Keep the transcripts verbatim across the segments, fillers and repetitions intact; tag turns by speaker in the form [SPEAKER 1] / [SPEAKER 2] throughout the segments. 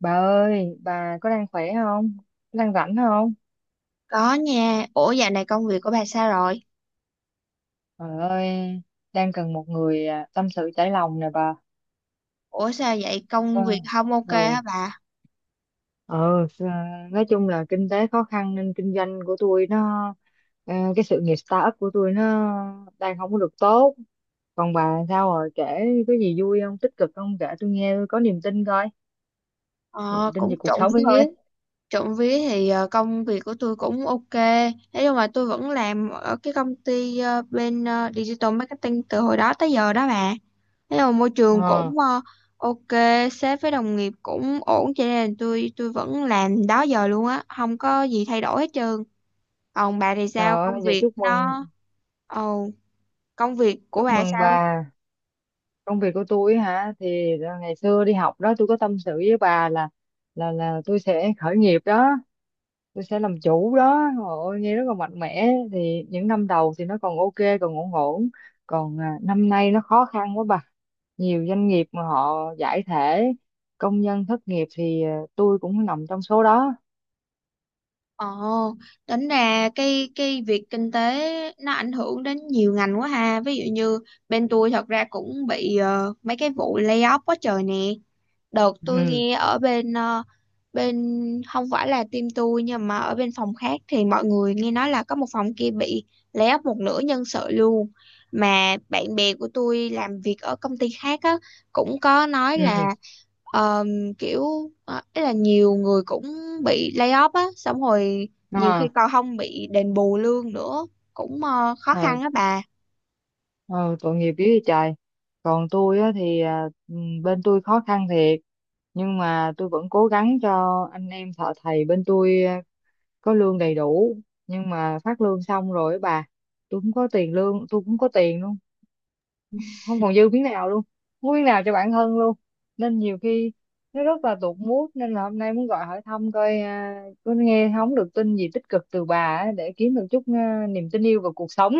[SPEAKER 1] Bà ơi, bà có đang khỏe không? Có đang rảnh không?
[SPEAKER 2] Có nha. Ủa dạo này công việc của bà sao rồi?
[SPEAKER 1] Trời ơi, đang cần một người à, tâm sự trải lòng nè bà.
[SPEAKER 2] Ủa sao vậy?
[SPEAKER 1] Ờ,
[SPEAKER 2] Công việc không ok
[SPEAKER 1] ừ,
[SPEAKER 2] hả bà?
[SPEAKER 1] ừ, à, nói chung là kinh tế khó khăn nên kinh doanh của tôi nó, ờ, cái sự nghiệp startup của tôi nó đang không có được tốt. Còn bà sao rồi, kể có gì vui không, tích cực không, kể tôi nghe tôi có niềm tin coi, niềm
[SPEAKER 2] Ờ,
[SPEAKER 1] tin
[SPEAKER 2] cũng
[SPEAKER 1] về cuộc
[SPEAKER 2] trộm
[SPEAKER 1] sống coi.
[SPEAKER 2] vía. Trộm vía thì ờ, công việc của tôi cũng ok. Thế nhưng mà tôi vẫn làm ở cái công ty ờ, bên ờ, digital marketing từ hồi đó tới giờ đó bà. Thế mà môi trường
[SPEAKER 1] Ờ,
[SPEAKER 2] cũng ờ, ok, sếp với đồng nghiệp cũng ổn cho nên là tôi tôi vẫn làm đó giờ luôn á, không có gì thay đổi hết trơn. Còn bà thì
[SPEAKER 1] Trời
[SPEAKER 2] sao? Công
[SPEAKER 1] ơi, vậy
[SPEAKER 2] việc
[SPEAKER 1] chúc mừng,
[SPEAKER 2] nó... Ồ, công việc của
[SPEAKER 1] chúc
[SPEAKER 2] bà
[SPEAKER 1] mừng
[SPEAKER 2] sao?
[SPEAKER 1] bà. Công việc của tôi hả thì ờ, ngày xưa đi học đó tôi có tâm sự với bà là là là tôi sẽ khởi nghiệp đó, tôi sẽ làm chủ đó, ôi nghe rất là mạnh mẽ. Thì những năm đầu thì nó còn ok, còn ổn ổn, còn à, năm nay nó khó khăn quá bà. Nhiều doanh nghiệp mà họ giải thể, công nhân thất nghiệp thì à, tôi cũng nằm trong số đó.
[SPEAKER 2] Ồ, tính ra cái cái việc kinh tế nó ảnh hưởng đến nhiều ngành quá ha. Ví dụ như bên tôi thật ra cũng bị ờ, mấy cái vụ layoff quá trời nè. Đợt tôi
[SPEAKER 1] Ừ.
[SPEAKER 2] nghe ở bên ờ, bên không phải là team tôi nhưng mà ở bên phòng khác thì mọi người nghe nói là có một phòng kia bị lay off một nửa nhân sự luôn. Mà bạn bè của tôi làm việc ở công ty khác á cũng có nói
[SPEAKER 1] Ừ.
[SPEAKER 2] là ờm, kiểu ờ, ý là nhiều người cũng bị lay off á, xong rồi nhiều khi còn không bị đền bù lương nữa, cũng ờ, khó
[SPEAKER 1] À.
[SPEAKER 2] khăn á bà.
[SPEAKER 1] Ừ, tội nghiệp với trời. Còn tôi á thì à, ừ, bên tôi khó khăn thiệt, nhưng mà tôi vẫn cố gắng cho anh em thợ thầy bên tôi à, có lương đầy đủ. Nhưng mà phát lương xong rồi á bà, tôi không có tiền, lương tôi cũng có tiền luôn, không còn dư miếng nào luôn, không có miếng nào cho bản thân luôn. Nên nhiều khi nó rất là tụt mood, nên là hôm nay muốn gọi hỏi thăm coi à, có nghe không được tin gì tích cực từ bà á, để kiếm được chút à, niềm tin yêu vào cuộc sống.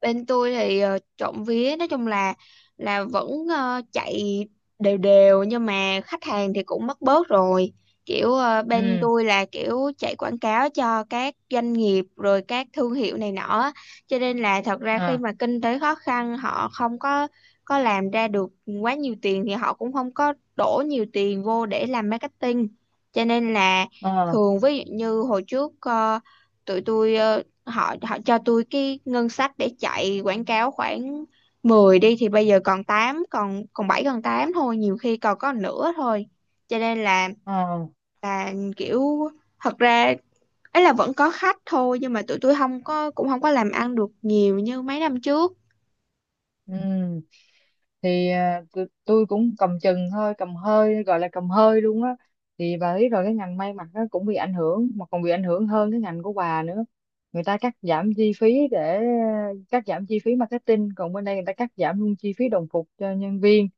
[SPEAKER 2] Bên tôi thì uh, trộm vía nói chung là là vẫn ờ, chạy đều đều nhưng mà khách hàng thì cũng mất bớt rồi, kiểu ờ, bên
[SPEAKER 1] Ừ.
[SPEAKER 2] tôi là kiểu chạy quảng cáo cho các doanh nghiệp rồi các thương hiệu này nọ á. Cho nên là thật ra khi
[SPEAKER 1] À.
[SPEAKER 2] mà kinh tế khó khăn họ không có có làm ra được quá nhiều tiền thì họ cũng không có đổ nhiều tiền vô để làm marketing, cho nên là
[SPEAKER 1] Ờ.
[SPEAKER 2] thường ví dụ như hồi trước ờ, tụi tôi ờ, họ họ cho tôi cái ngân sách để chạy quảng cáo khoảng mười đi thì bây giờ còn tám còn còn bảy còn tám thôi, nhiều khi còn có nửa thôi. Cho nên là
[SPEAKER 1] Ờ.
[SPEAKER 2] là kiểu thật ra ấy là vẫn có khách thôi nhưng mà tụi tôi không có cũng không có làm ăn được nhiều như mấy năm trước.
[SPEAKER 1] Ừ. Thì à, tụi- tôi cũng cầm chừng thôi, cầm hơi gọi là cầm hơi luôn á. Thì bà biết rồi, cái ngành may mặc nó cũng bị ảnh hưởng, mà còn bị ảnh hưởng hơn cái ngành của bà nữa. Người ta cắt giảm chi phí để cắt giảm chi phí marketing, còn bên đây người ta cắt giảm luôn chi phí đồng phục cho nhân viên.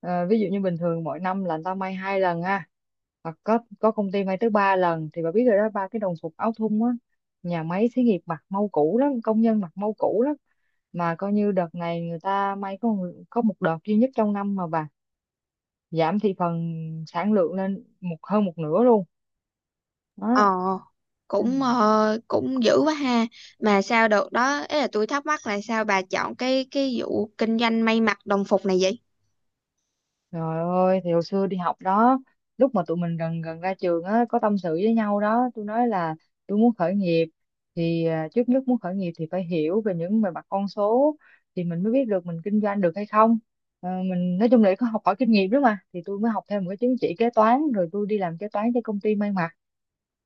[SPEAKER 1] Ờ, ví dụ như bình thường mỗi năm là người ta may hai lần ha, hoặc có có công ty may tới ba lần. Thì bà biết rồi đó, ba cái đồng phục áo thun á, nhà máy xí nghiệp mặc mau cũ lắm, công nhân mặc mau cũ lắm. Mà coi như đợt này người ta may có một- có một đợt duy nhất trong năm mà bà, giảm thị phần, sản lượng lên một hơn một nửa luôn. Đó.
[SPEAKER 2] Ờ, cũng ờ, cũng dữ quá ha. Mà sao đợt đó ấy là tôi thắc mắc là sao bà chọn cái cái vụ kinh doanh may mặc đồng phục này vậy?
[SPEAKER 1] Trời ơi, thì hồi xưa đi học đó, lúc mà tụi mình gần gần ra trường á, có tâm sự với nhau đó, tôi nói là tôi muốn khởi nghiệp. Thì à, trước nhất muốn khởi nghiệp thì phải hiểu về những về mặt con số, thì mình mới biết được mình kinh doanh được hay không. Ờ, mình nói chung là có học hỏi kinh nghiệm đó mà, thì tôi mới học thêm một cái chứng chỉ kế toán, rồi tôi đi làm kế toán cho công ty may mặc.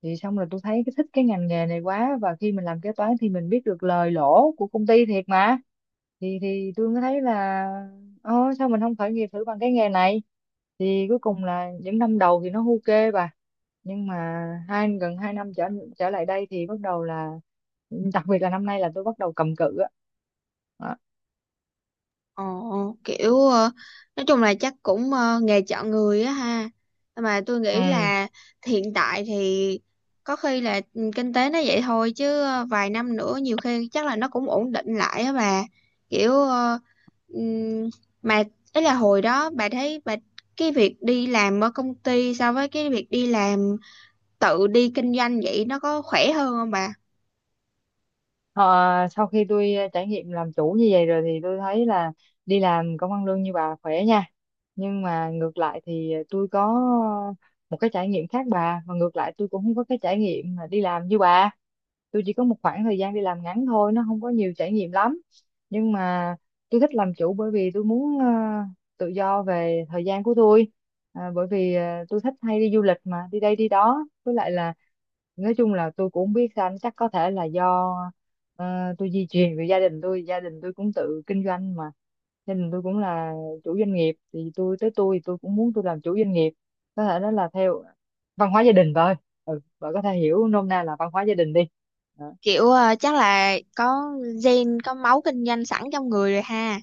[SPEAKER 1] Thì xong rồi tôi thấy cái thích cái ngành nghề này quá, và khi mình làm kế toán thì mình biết được lời lỗ của công ty thiệt mà. Thì thì tôi mới thấy là Ờ, sao mình không khởi nghiệp thử bằng cái nghề này? Thì cuối cùng là những năm đầu thì nó ok bà. Nhưng mà hai gần hai năm trở trở lại đây thì bắt đầu là, đặc biệt là năm nay là tôi bắt đầu cầm cự á. Đó.
[SPEAKER 2] Ồ, kiểu ờ, nói chung là chắc cũng ờ, nghề chọn người á ha. Nhưng mà tôi nghĩ
[SPEAKER 1] Ừ.
[SPEAKER 2] là hiện tại thì có khi là ừ, kinh tế nó vậy thôi chứ ờ, vài năm nữa nhiều khi chắc là nó cũng ổn định lại á bà. Kiểu ờ, ừm, mà ấy là hồi đó bà thấy bà cái việc đi làm ở công ty so với cái việc đi làm tự đi kinh doanh vậy nó có khỏe hơn không bà?
[SPEAKER 1] Ờ, sau khi tôi ờ, trải nghiệm làm chủ như vậy rồi thì tôi thấy là đi làm công ăn lương như bà khỏe nha. Nhưng mà ngược lại thì ờ, tôi có một cái trải nghiệm khác bà. Và ngược lại tôi cũng không có cái trải nghiệm mà đi làm như bà. Tôi chỉ có một khoảng thời gian đi làm ngắn thôi, nó không có nhiều trải nghiệm lắm, nhưng mà tôi thích làm chủ bởi vì tôi muốn ờ, tự do về thời gian của tôi. À, bởi vì ờ, tôi thích hay đi du lịch mà đi đây đi đó, với lại là nói chung là tôi cũng không biết sao, chắc có thể là do ờ, tôi di truyền về gia đình tôi. Gia đình tôi cũng tự kinh doanh mà, gia đình tôi cũng là chủ doanh nghiệp, thì tôi tới tôi thì tôi cũng muốn tôi làm chủ doanh nghiệp. Có thể đó là theo văn hóa gia đình thôi. Ừ, bạn có thể hiểu nôm na là văn hóa gia đình đi. Đó.
[SPEAKER 2] Kiểu ờ, chắc là có gen có máu kinh doanh sẵn trong người rồi ha.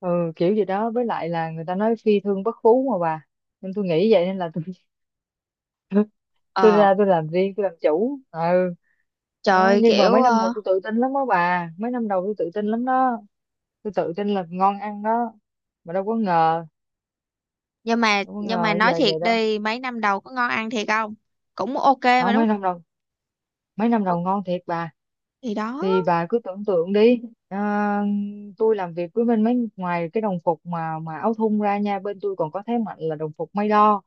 [SPEAKER 1] Ừ, kiểu gì đó, với lại là người ta nói phi thương bất phú mà bà, nên tôi nghĩ vậy nên là tôi tôi
[SPEAKER 2] Ờ.
[SPEAKER 1] ra tôi làm riêng tôi làm chủ. Ừ. Đó.
[SPEAKER 2] Trời
[SPEAKER 1] Nhưng mà
[SPEAKER 2] kiểu
[SPEAKER 1] mấy năm đầu
[SPEAKER 2] ờ,
[SPEAKER 1] tôi tự tin lắm đó bà, mấy năm đầu tôi tự tin lắm đó, tôi tự tin là ngon ăn đó, mà đâu có ngờ,
[SPEAKER 2] nhưng mà
[SPEAKER 1] đâu có
[SPEAKER 2] nhưng mà
[SPEAKER 1] ngờ
[SPEAKER 2] nói
[SPEAKER 1] giờ
[SPEAKER 2] thiệt
[SPEAKER 1] vậy đâu.
[SPEAKER 2] đi mấy năm đầu có ngon ăn thiệt không? Cũng ok mà
[SPEAKER 1] Không,
[SPEAKER 2] đúng
[SPEAKER 1] mấy năm
[SPEAKER 2] không?
[SPEAKER 1] đầu, mấy năm đầu
[SPEAKER 2] Ok.
[SPEAKER 1] ngon thiệt bà.
[SPEAKER 2] Thì đó.
[SPEAKER 1] Thì bà cứ tưởng tượng đi, à, tôi làm việc với bên mấy ngoài cái đồng phục mà mà áo thun ra nha, bên tôi còn có thế mạnh là đồng phục may đo.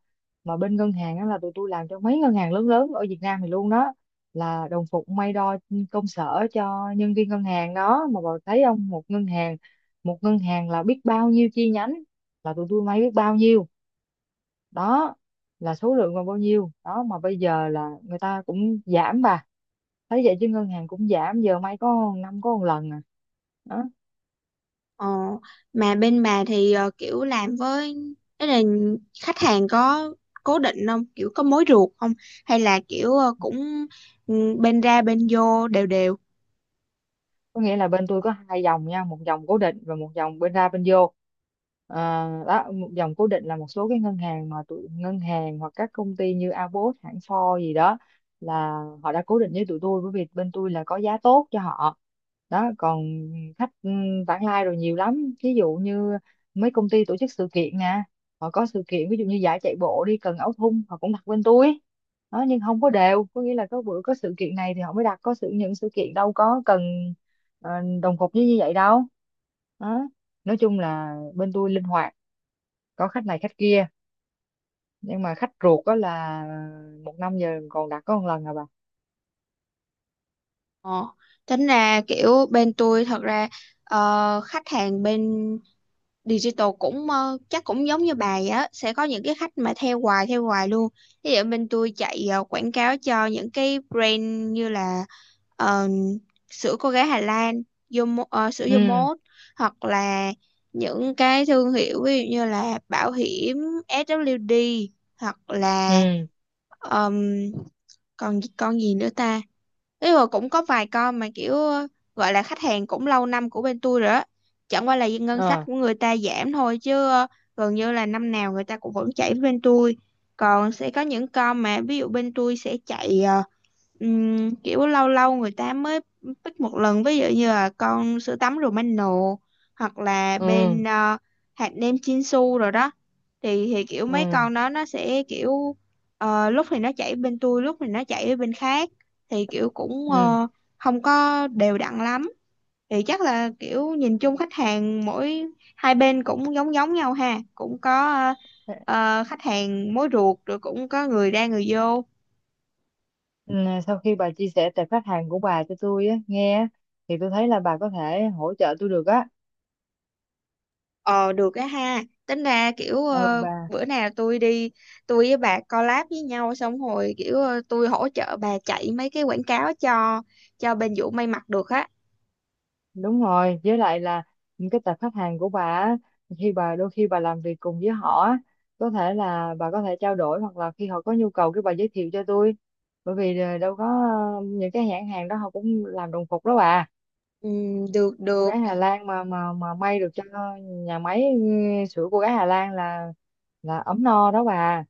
[SPEAKER 1] Mà bên ngân hàng đó là tụi tôi làm cho mấy ngân hàng lớn lớn ở Việt Nam thì luôn đó, là đồng phục may đo công sở cho nhân viên ngân hàng đó. Mà bà thấy không, một ngân hàng, một ngân hàng là biết bao nhiêu chi nhánh, là tụi tôi may biết bao nhiêu đó là số lượng còn bao nhiêu đó. Mà bây giờ là người ta cũng giảm, bà thấy vậy chứ ngân hàng cũng giảm, giờ may có năm có một lần à. Đó.
[SPEAKER 2] Ờ, mà bên bà thì ờ, kiểu làm với tức là khách hàng có cố định không? Kiểu có mối ruột không? Hay là kiểu ờ, cũng ừ, bên ra bên vô đều đều.
[SPEAKER 1] Có nghĩa là bên tôi có hai dòng nha, một dòng cố định và một dòng bên ra bên vô. Ờ, đó, một dòng cố định là một số cái ngân hàng mà tụi ngân hàng, hoặc các công ty như Abot, hãng Ford gì đó, là họ đã cố định với tụi tôi bởi vì bên tôi là có giá tốt cho họ. Đó, còn khách ừ, vãng lai rồi nhiều lắm, ví dụ như mấy công ty tổ chức sự kiện nè, họ có sự kiện, ví dụ như giải chạy bộ đi Cần Áo Thun họ cũng đặt bên tôi. Đó, nhưng không có đều, có nghĩa là có bữa có sự kiện này thì họ mới đặt, có sự những sự kiện đâu có cần ờ, đồng cục với như vậy đâu. Đó. Nói chung là bên tôi linh hoạt, có khách này khách kia, nhưng mà khách ruột đó là một năm giờ còn đặt có một lần à bà.
[SPEAKER 2] Ờ, tính ra kiểu bên tôi thật ra ờ, khách hàng bên digital cũng ờ, chắc cũng giống như bà vậy á, sẽ có những cái khách mà theo hoài theo hoài luôn. Ví dụ bên tôi chạy ờ, quảng cáo cho những cái brand như là ờ, sữa cô gái Hà Lan, Yomo, ờ, sữa
[SPEAKER 1] Ừ.
[SPEAKER 2] Yomot, hoặc là những cái thương hiệu ví dụ như là bảo hiểm ét vê đê, hoặc là
[SPEAKER 1] Ừ.
[SPEAKER 2] còn con gì nữa ta. Ý là cũng có vài con mà kiểu ờ, gọi là khách hàng cũng lâu năm của bên tôi rồi á, chẳng qua là ngân sách
[SPEAKER 1] Ờ.
[SPEAKER 2] của người ta giảm thôi chứ ờ, gần như là năm nào người ta cũng vẫn chạy với bên tôi. Còn sẽ có những con mà ví dụ bên tôi sẽ chạy ờ, Ừm, kiểu lâu lâu người ta mới pick một lần, ví dụ như là con sữa tắm Romano, hoặc là bên
[SPEAKER 1] Ừ.
[SPEAKER 2] ờ, hạt nêm Chinsu rồi đó. thì thì kiểu mấy
[SPEAKER 1] Ừ.
[SPEAKER 2] con đó nó sẽ kiểu ờ, lúc thì nó chảy bên tôi, lúc thì nó chảy ở bên khác, thì kiểu cũng
[SPEAKER 1] Ừ.
[SPEAKER 2] ờ, không có đều đặn lắm. Thì chắc là kiểu nhìn chung khách hàng mỗi hai bên cũng giống giống nhau ha, cũng có ờ, ờ, khách hàng mối ruột rồi cũng có người ra người vô.
[SPEAKER 1] Ừ, sau khi bà chia sẻ tệp khách hàng của bà cho tôi á, nghe á, thì tôi thấy là bà có thể hỗ trợ tôi được á.
[SPEAKER 2] Ờ được á ha. Tính ra kiểu
[SPEAKER 1] Ừ,
[SPEAKER 2] ờ,
[SPEAKER 1] bà.
[SPEAKER 2] bữa nào tôi đi, tôi với bà collab với nhau. Xong rồi kiểu ờ, tôi hỗ trợ bà chạy mấy cái quảng cáo cho Cho bên Vũ may mặc được á.
[SPEAKER 1] Đúng rồi, với lại là những cái tập khách hàng của bà á, khi bà đôi khi bà làm việc cùng với họ á, có thể là bà có thể trao đổi hoặc là khi họ có nhu cầu cái bà giới thiệu cho tôi, bởi vì ờ, đâu có ờ, những cái nhãn hàng đó họ cũng làm đồng phục đó bà.
[SPEAKER 2] Ừ, được
[SPEAKER 1] Cô
[SPEAKER 2] được.
[SPEAKER 1] gái Hà Lan mà mà mà may được cho nhà máy. Ừ, sữa cô gái Hà Lan là là ấm no đó bà.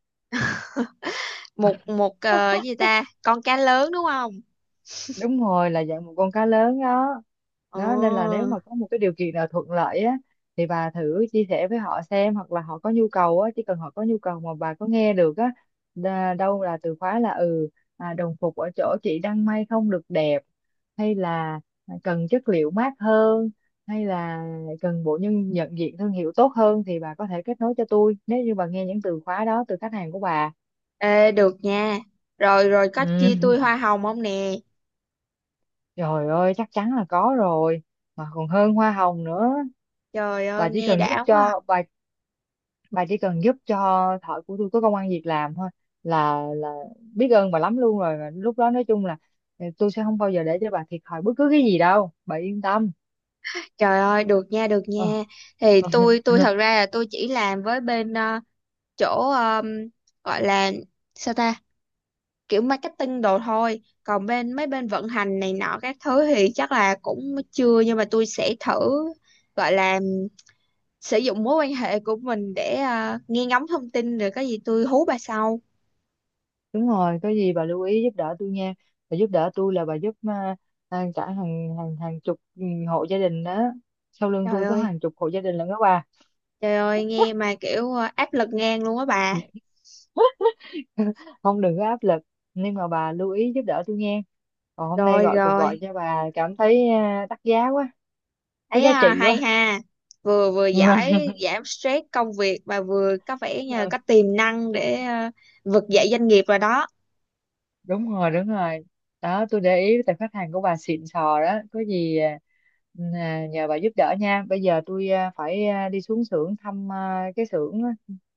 [SPEAKER 2] Một một ờ, cái gì ta. Con cá lớn đúng không?
[SPEAKER 1] Đúng rồi, là dạng một con cá lớn đó.
[SPEAKER 2] Ờ.
[SPEAKER 1] Đó, nên là nếu mà có một cái điều kiện nào thuận lợi á, thì bà thử chia sẻ với họ xem, hoặc là họ có nhu cầu á, chỉ cần họ có nhu cầu mà bà có nghe được á, đa- đâu là từ khóa là ừ à, đồng phục ở chỗ chị đang may không được đẹp, hay là cần chất liệu mát hơn, hay là cần bộ nhân nhận diện thương hiệu tốt hơn, thì bà có thể kết nối cho tôi nếu như bà nghe những từ khóa đó từ khách hàng của bà.
[SPEAKER 2] Ê được nha. Rồi rồi, có
[SPEAKER 1] Ừ.
[SPEAKER 2] chia tôi hoa hồng không nè?
[SPEAKER 1] Trời ơi, chắc chắn là có rồi, mà còn hơn hoa hồng nữa.
[SPEAKER 2] Trời ơi
[SPEAKER 1] Bà chỉ
[SPEAKER 2] nghe
[SPEAKER 1] cần giúp
[SPEAKER 2] đã quá à.
[SPEAKER 1] cho bà bà chỉ cần giúp cho thợ của tôi có công ăn việc làm thôi, là là biết ơn bà lắm luôn rồi. Mà lúc đó nói chung là ừ, tôi sẽ không bao giờ để cho bà thiệt thòi bất cứ cái gì đâu. Bà yên tâm.
[SPEAKER 2] Trời ơi được nha, được
[SPEAKER 1] Ờ.
[SPEAKER 2] nha. Thì tôi tôi thật ra là tôi chỉ làm với bên ờ, chỗ ờ, gọi là sao ta, kiểu marketing đồ thôi, còn bên mấy bên vận hành này nọ các thứ thì chắc là cũng chưa, nhưng mà tôi sẽ thử gọi là sử dụng mối quan hệ của mình để à, nghe ngóng thông tin, rồi có gì tôi hú bà sau.
[SPEAKER 1] Đúng rồi, có gì bà lưu ý giúp đỡ tôi nha. Bà giúp đỡ tôi là bà giúp à, à, cả hàng hàng hàng chục ừ, hộ gia đình đó. Sau lưng
[SPEAKER 2] Trời
[SPEAKER 1] tôi có
[SPEAKER 2] ơi,
[SPEAKER 1] hàng chục hộ gia đình lận đó bà.
[SPEAKER 2] trời ơi nghe mà kiểu à, áp lực ngang luôn á bà.
[SPEAKER 1] Không, đừng có áp lực, nhưng mà bà lưu ý giúp đỡ tôi nghe. Còn hôm nay
[SPEAKER 2] Rồi
[SPEAKER 1] gọi cuộc gọi
[SPEAKER 2] rồi,
[SPEAKER 1] cho bà cảm thấy à, đắt giá quá, có
[SPEAKER 2] thấy
[SPEAKER 1] giá
[SPEAKER 2] à,
[SPEAKER 1] trị
[SPEAKER 2] hay
[SPEAKER 1] quá.
[SPEAKER 2] ha, vừa vừa giải giảm stress công việc mà vừa có vẻ như là có tiềm năng để à, vực
[SPEAKER 1] Ừ.
[SPEAKER 2] dậy doanh nghiệp rồi đó.
[SPEAKER 1] Đúng rồi, đúng rồi. Đó, tôi để ý tại khách hàng của bà xịn sò đó, có gì à, à, nhờ bà giúp đỡ nha. Bây giờ tôi à, phải à, đi xuống xưởng thăm à, cái xưởng á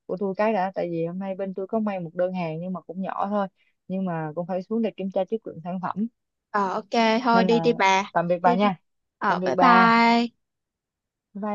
[SPEAKER 1] của tôi cái đã, tại vì hôm nay bên tôi có may một đơn hàng nhưng mà cũng nhỏ thôi, nhưng mà cũng phải xuống để kiểm tra chất lượng sản phẩm.
[SPEAKER 2] Ờ ok thôi
[SPEAKER 1] Nên
[SPEAKER 2] đi
[SPEAKER 1] là
[SPEAKER 2] đi bà.
[SPEAKER 1] tạm biệt bà
[SPEAKER 2] Đi đi.
[SPEAKER 1] nha.
[SPEAKER 2] Ờ
[SPEAKER 1] Tạm biệt
[SPEAKER 2] bye
[SPEAKER 1] bà.
[SPEAKER 2] bye.
[SPEAKER 1] Bye bye.